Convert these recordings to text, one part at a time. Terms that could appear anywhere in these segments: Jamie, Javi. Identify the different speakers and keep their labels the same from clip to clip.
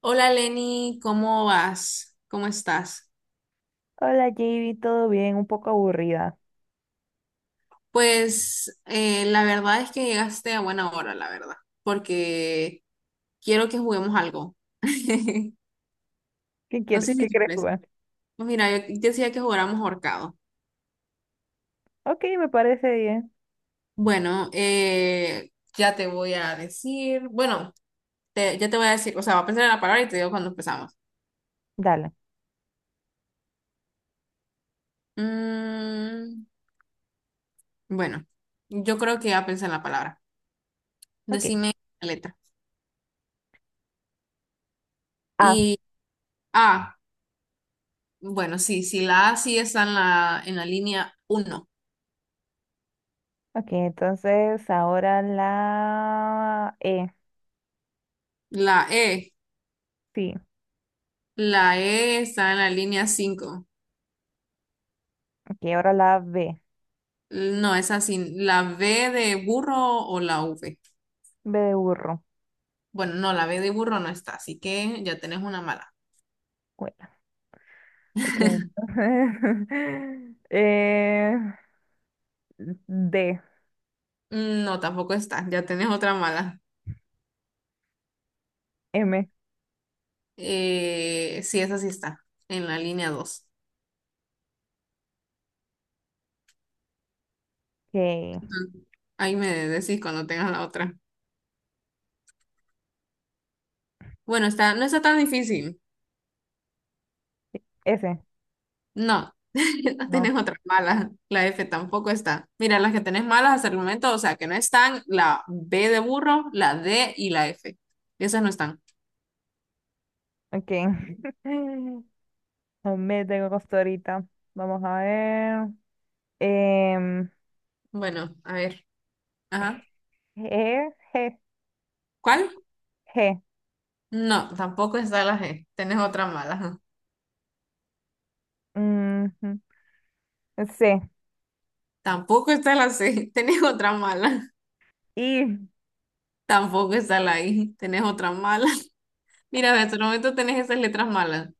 Speaker 1: Hola Lenny, ¿cómo vas? ¿Cómo estás?
Speaker 2: Hola, Javi, ¿todo bien? Un poco aburrida.
Speaker 1: Pues la verdad es que llegaste a buena hora, la verdad, porque quiero que juguemos algo.
Speaker 2: ¿Qué
Speaker 1: No
Speaker 2: quiere,
Speaker 1: sé si
Speaker 2: qué
Speaker 1: te
Speaker 2: quieres
Speaker 1: parece.
Speaker 2: jugar?
Speaker 1: Pues mira, yo decía que jugáramos ahorcado.
Speaker 2: Ok, me parece bien.
Speaker 1: Bueno, ya te voy a decir, bueno, ya te voy a decir, o sea, va a pensar en la palabra y te digo cuando empezamos.
Speaker 2: Dale.
Speaker 1: Mm, bueno, yo creo que ya pensé en la palabra.
Speaker 2: Ok.
Speaker 1: Decime la letra.
Speaker 2: Ah,
Speaker 1: Y A. Bueno, sí, sí, la A sí está en la línea uno.
Speaker 2: ok, entonces ahora la E.
Speaker 1: La E,
Speaker 2: Sí,
Speaker 1: la E está en la línea cinco.
Speaker 2: ok, ahora la B.
Speaker 1: No, es así. La B de burro o la V.
Speaker 2: B de burro.
Speaker 1: Bueno, no, la B de burro no está, así que ya tenés una mala.
Speaker 2: Bueno, ok, entonces. eh, D.
Speaker 1: No, tampoco está, ya tenés otra mala.
Speaker 2: M.
Speaker 1: Sí, esa sí está, en la línea dos.
Speaker 2: Ok.
Speaker 1: Ujú. Ahí me decís cuando tengas la otra. Bueno, está, no está tan difícil.
Speaker 2: S.
Speaker 1: No, no
Speaker 2: No.
Speaker 1: tenés otras malas. La F tampoco está. Mira, las que tenés malas hasta el momento, o sea, que no están, la B de burro, la D y la F. Esas no están.
Speaker 2: Ok. No me tengo costo ahorita. Vamos a ver. Em,
Speaker 1: Bueno, a ver. Ajá.
Speaker 2: G. G.
Speaker 1: ¿Cuál?
Speaker 2: G.
Speaker 1: No, tampoco está la G. Tenés otra mala.
Speaker 2: Ujú, sí.
Speaker 1: Tampoco está la C. Tenés otra mala.
Speaker 2: ¿Y
Speaker 1: Tampoco está la I. Tenés otra mala. Mira, hasta el momento tenés esas letras malas.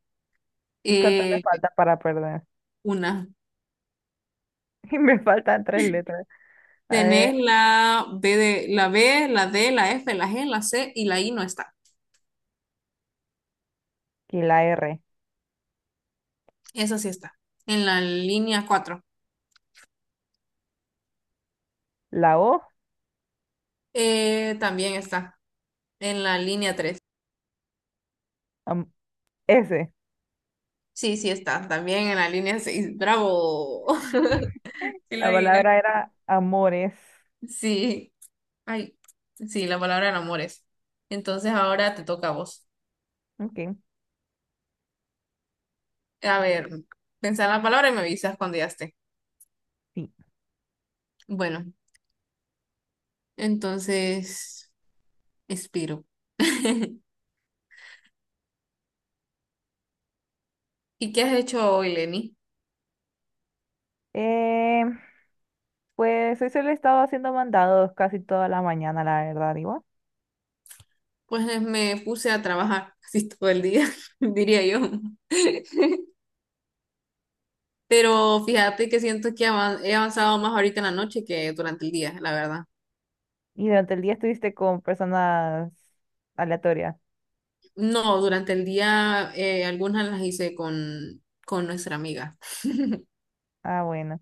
Speaker 2: cuánto me
Speaker 1: Eh,
Speaker 2: falta para perder?
Speaker 1: una.
Speaker 2: Y me faltan tres letras. A
Speaker 1: Tenés
Speaker 2: ver,
Speaker 1: la B de, la B, la D, la F, la G, la C y la I no está.
Speaker 2: aquí la R,
Speaker 1: Esa sí está. En la línea cuatro.
Speaker 2: la O,
Speaker 1: También está. En la línea tres.
Speaker 2: am- S.
Speaker 1: Sí, sí está. También en la línea seis. Bravo. Sí, lo
Speaker 2: La
Speaker 1: adivinaste.
Speaker 2: palabra era amores.
Speaker 1: Sí. Ay, sí, la palabra en amores. Entonces ahora te toca a vos.
Speaker 2: Ok,
Speaker 1: A ver, pensá en la palabra y me avisas cuando ya esté.
Speaker 2: sí.
Speaker 1: Bueno, entonces, expiro. ¿Y qué has hecho hoy, Lenny?
Speaker 2: Eh, pues hoy solo he estado haciendo mandados casi toda la mañana, la verdad, digo.
Speaker 1: Pues me puse a trabajar casi todo el día, diría yo. Pero fíjate que siento que he avanzado más ahorita en la noche que durante el día, la verdad.
Speaker 2: Y durante el día estuviste con personas aleatorias.
Speaker 1: No, durante el día algunas las hice con nuestra amiga.
Speaker 2: Ah, bueno.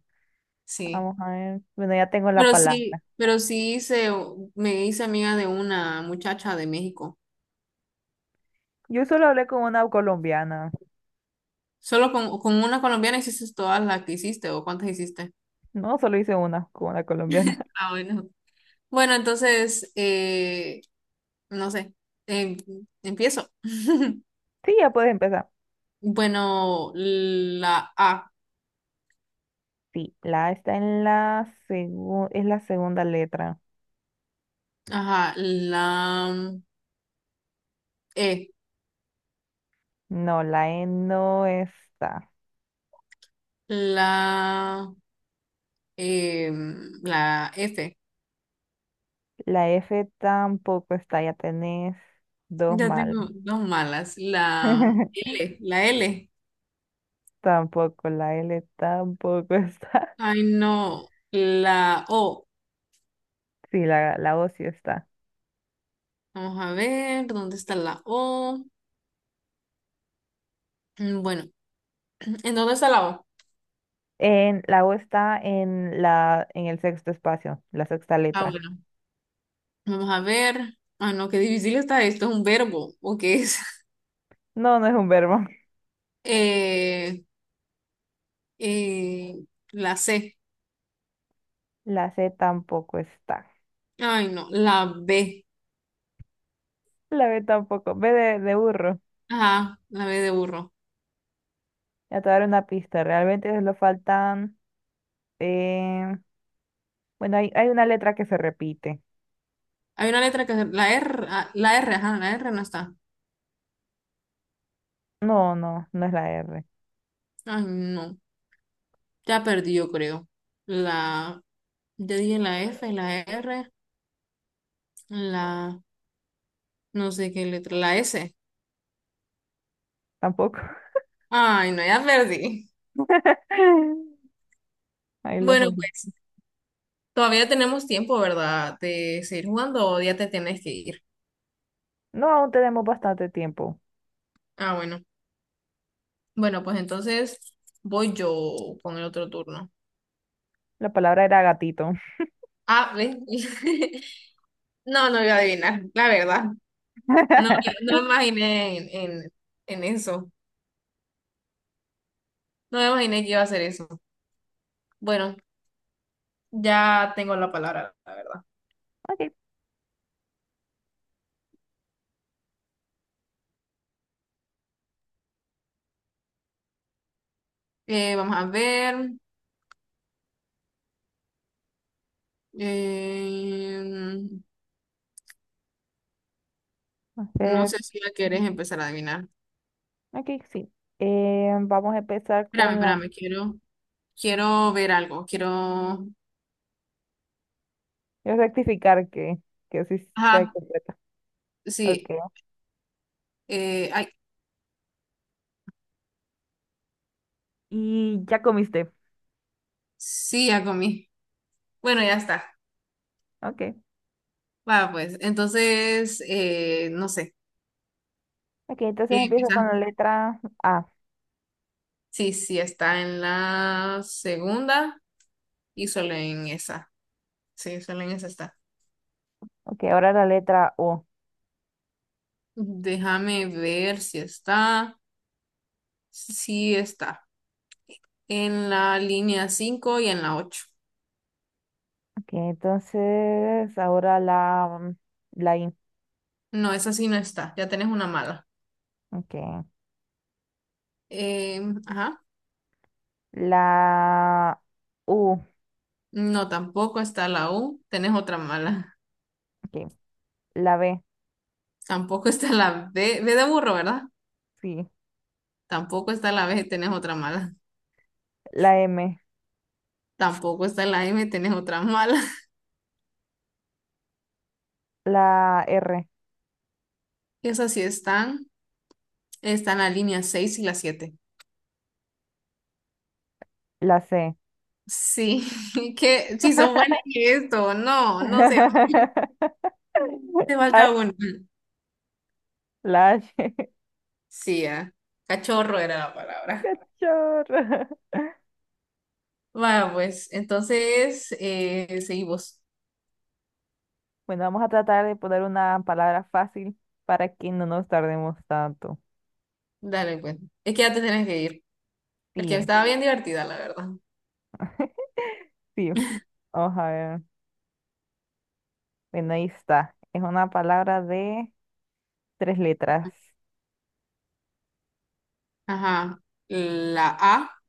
Speaker 1: Sí.
Speaker 2: Vamos a ver. Bueno, ya tengo la
Speaker 1: Pero
Speaker 2: palabra.
Speaker 1: sí, pero sí me hice amiga de una muchacha de México.
Speaker 2: Yo solo hablé con una colombiana.
Speaker 1: Solo con una colombiana hiciste todas las que hiciste o cuántas hiciste.
Speaker 2: No, solo hice una con una colombiana.
Speaker 1: Ah, bueno. Bueno, entonces, no sé, em- empiezo.
Speaker 2: Sí, ya puedes empezar.
Speaker 1: Bueno, la A,
Speaker 2: Sí, la A está en la segunda, es la segunda letra.
Speaker 1: ajá, la E,
Speaker 2: No, la E no está.
Speaker 1: la, la F.
Speaker 2: La F tampoco está, ya tenés dos
Speaker 1: Ya
Speaker 2: mal.
Speaker 1: tengo dos malas. La L.
Speaker 2: Tampoco, la L tampoco está.
Speaker 1: Ay, no. La O.
Speaker 2: Sí, la O sí está.
Speaker 1: Vamos a ver, ¿dónde está la O? Bueno, ¿en dónde está la O?
Speaker 2: La O está en en el sexto espacio, la sexta
Speaker 1: Ah,
Speaker 2: letra.
Speaker 1: bueno, vamos a ver. Ah, no, qué difícil está esto. ¿Es un verbo o qué es?
Speaker 2: No, no es un verbo.
Speaker 1: Eh, eh, la C.
Speaker 2: La C tampoco está.
Speaker 1: Ay, no. La B.
Speaker 2: La B tampoco. B de burro.
Speaker 1: Ajá, la B de burro.
Speaker 2: Ya te voy a dar una pista. Realmente solo faltan. Eh, bueno, hay una letra que se repite.
Speaker 1: Hay una letra que. La R, la R, ajá, la R no está.
Speaker 2: No, no, no es la R.
Speaker 1: Ay, no, ya perdí, yo creo. La, ya dije la F, la R, la, no sé qué letra, la S.
Speaker 2: Tampoco.
Speaker 1: Ay, no, ya perdí.
Speaker 2: Ahí los
Speaker 1: Bueno,
Speaker 2: ojitos.
Speaker 1: pues todavía tenemos tiempo, ¿verdad? De seguir jugando o ya te tienes que ir.
Speaker 2: No, aún tenemos bastante tiempo.
Speaker 1: Ah, bueno. Bueno, pues entonces voy yo con el otro turno.
Speaker 2: La palabra era gatito.
Speaker 1: Ah, ¿ves? No, no voy a adivinar, la verdad. No, no me imaginé en eso. No me imaginé que iba a hacer eso. Bueno, ya tengo la palabra, la verdad.
Speaker 2: Ok.
Speaker 1: Vamos a ver. eh,
Speaker 2: A
Speaker 1: no
Speaker 2: ver,
Speaker 1: sé si la querés empezar a adivinar.
Speaker 2: ok, sí. Vamos a empezar
Speaker 1: Espérame,
Speaker 2: con la...
Speaker 1: espérame, quiero ver algo. Quiero.
Speaker 2: Voy a rectificar que sí está
Speaker 1: Ajá,
Speaker 2: completa. Ok.
Speaker 1: sí. Ay,
Speaker 2: Y ya comiste.
Speaker 1: sí, ya comí. Bueno, ya está.
Speaker 2: Ok.
Speaker 1: Va, pues. Entonces, no sé.
Speaker 2: Ok, entonces empiezo
Speaker 1: Empieza.
Speaker 2: con la letra A.
Speaker 1: Sí, sí, está en la segunda y solo en esa. Sí, solo en esa está.
Speaker 2: Ok, ahora la letra O.
Speaker 1: Déjame ver si está. Sí, sí está en la línea 5 y en la 8.
Speaker 2: Que entonces ahora la I.
Speaker 1: No, esa sí no está, ya tenés una mala.
Speaker 2: Okay.
Speaker 1: Ajá,
Speaker 2: La U.
Speaker 1: no, tampoco está la U, tenés otra mala.
Speaker 2: Ok, la B.
Speaker 1: Tampoco está la B, B de burro, ¿verdad?
Speaker 2: Sí.
Speaker 1: Tampoco está la B, tenés otra mala.
Speaker 2: La M.
Speaker 1: Tampoco está la M, tenés otra mala.
Speaker 2: La R.
Speaker 1: Esas sí están, están la línea 6 y la 7.
Speaker 2: La C.
Speaker 1: Sí, que si son buenas en esto, no, no sé, te
Speaker 2: Ah,
Speaker 1: falta una.
Speaker 2: la H.
Speaker 1: Sí, ah, Cachorro era la palabra.
Speaker 2: Chorro.
Speaker 1: Va, pues, entonces seguimos.
Speaker 2: Bueno, vamos a tratar de poner una palabra fácil para que no nos tardemos tanto.
Speaker 1: Dale, pues. Es que ya te tienes que ir. Porque
Speaker 2: Sí,
Speaker 1: estaba bien divertida, la verdad.
Speaker 2: sí. Vamos a ver. Bueno, ahí está. Es una palabra de tres letras.
Speaker 1: Ajá. La A.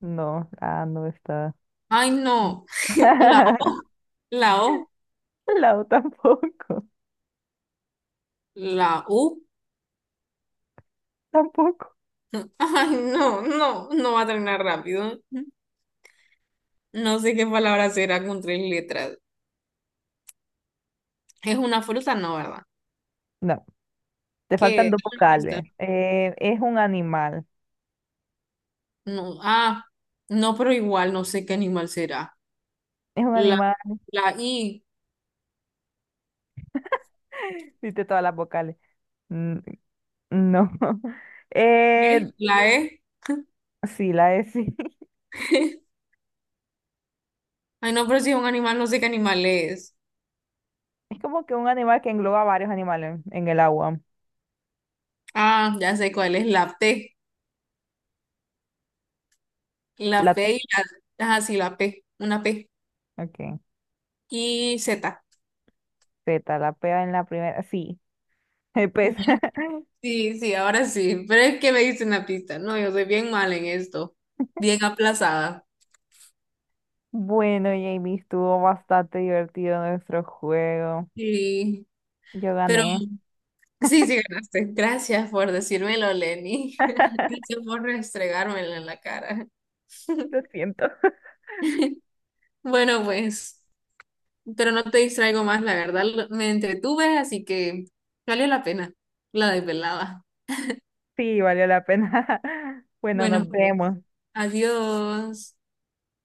Speaker 2: No, ah, no está.
Speaker 1: Ay, no. La O. La O.
Speaker 2: Lau tampoco,
Speaker 1: La U.
Speaker 2: tampoco.
Speaker 1: Ay, no, no, no va a terminar rápido. No sé qué palabra será con tres letras. Es una fruta, no, ¿verdad?
Speaker 2: No, te faltan
Speaker 1: ¿Qué?
Speaker 2: dos
Speaker 1: Una pista.
Speaker 2: vocales.
Speaker 1: No. Ah, no, pero igual no sé qué animal será.
Speaker 2: Es un
Speaker 1: La,
Speaker 2: animal.
Speaker 1: la I.
Speaker 2: Diste todas las vocales. N- No.
Speaker 1: ¿Qué?
Speaker 2: Eh,
Speaker 1: La E.
Speaker 2: sí, la es. Sí.
Speaker 1: Ay, no, pero si es un animal, no sé qué animal es.
Speaker 2: Es como que un animal que engloba varios animales en el agua.
Speaker 1: Ah, ya sé cuál es, la P. La
Speaker 2: La
Speaker 1: P y
Speaker 2: T.
Speaker 1: la. Ajá, sí, la P. Una P.
Speaker 2: Ok.
Speaker 1: Y Z.
Speaker 2: Z, la P en la primera. Sí, el pez.
Speaker 1: Sí, sí, ahora sí. Pero es que me diste una pista. No, yo soy bien mal en esto. Bien aplazada.
Speaker 2: Bueno, Jamie, estuvo bastante divertido nuestro juego.
Speaker 1: Sí.
Speaker 2: Yo
Speaker 1: Pero
Speaker 2: gané.
Speaker 1: sí, sí ganaste. Gracias por decírmelo, Lenny. Gracias por restregármelo en la cara.
Speaker 2: Lo siento.
Speaker 1: Bueno, pues, pero no te distraigo más, la verdad. Me entretuve, así que valió la pena. La desvelada.
Speaker 2: Sí, valió la pena. Bueno,
Speaker 1: Bueno,
Speaker 2: nos
Speaker 1: pues,
Speaker 2: vemos.
Speaker 1: adiós.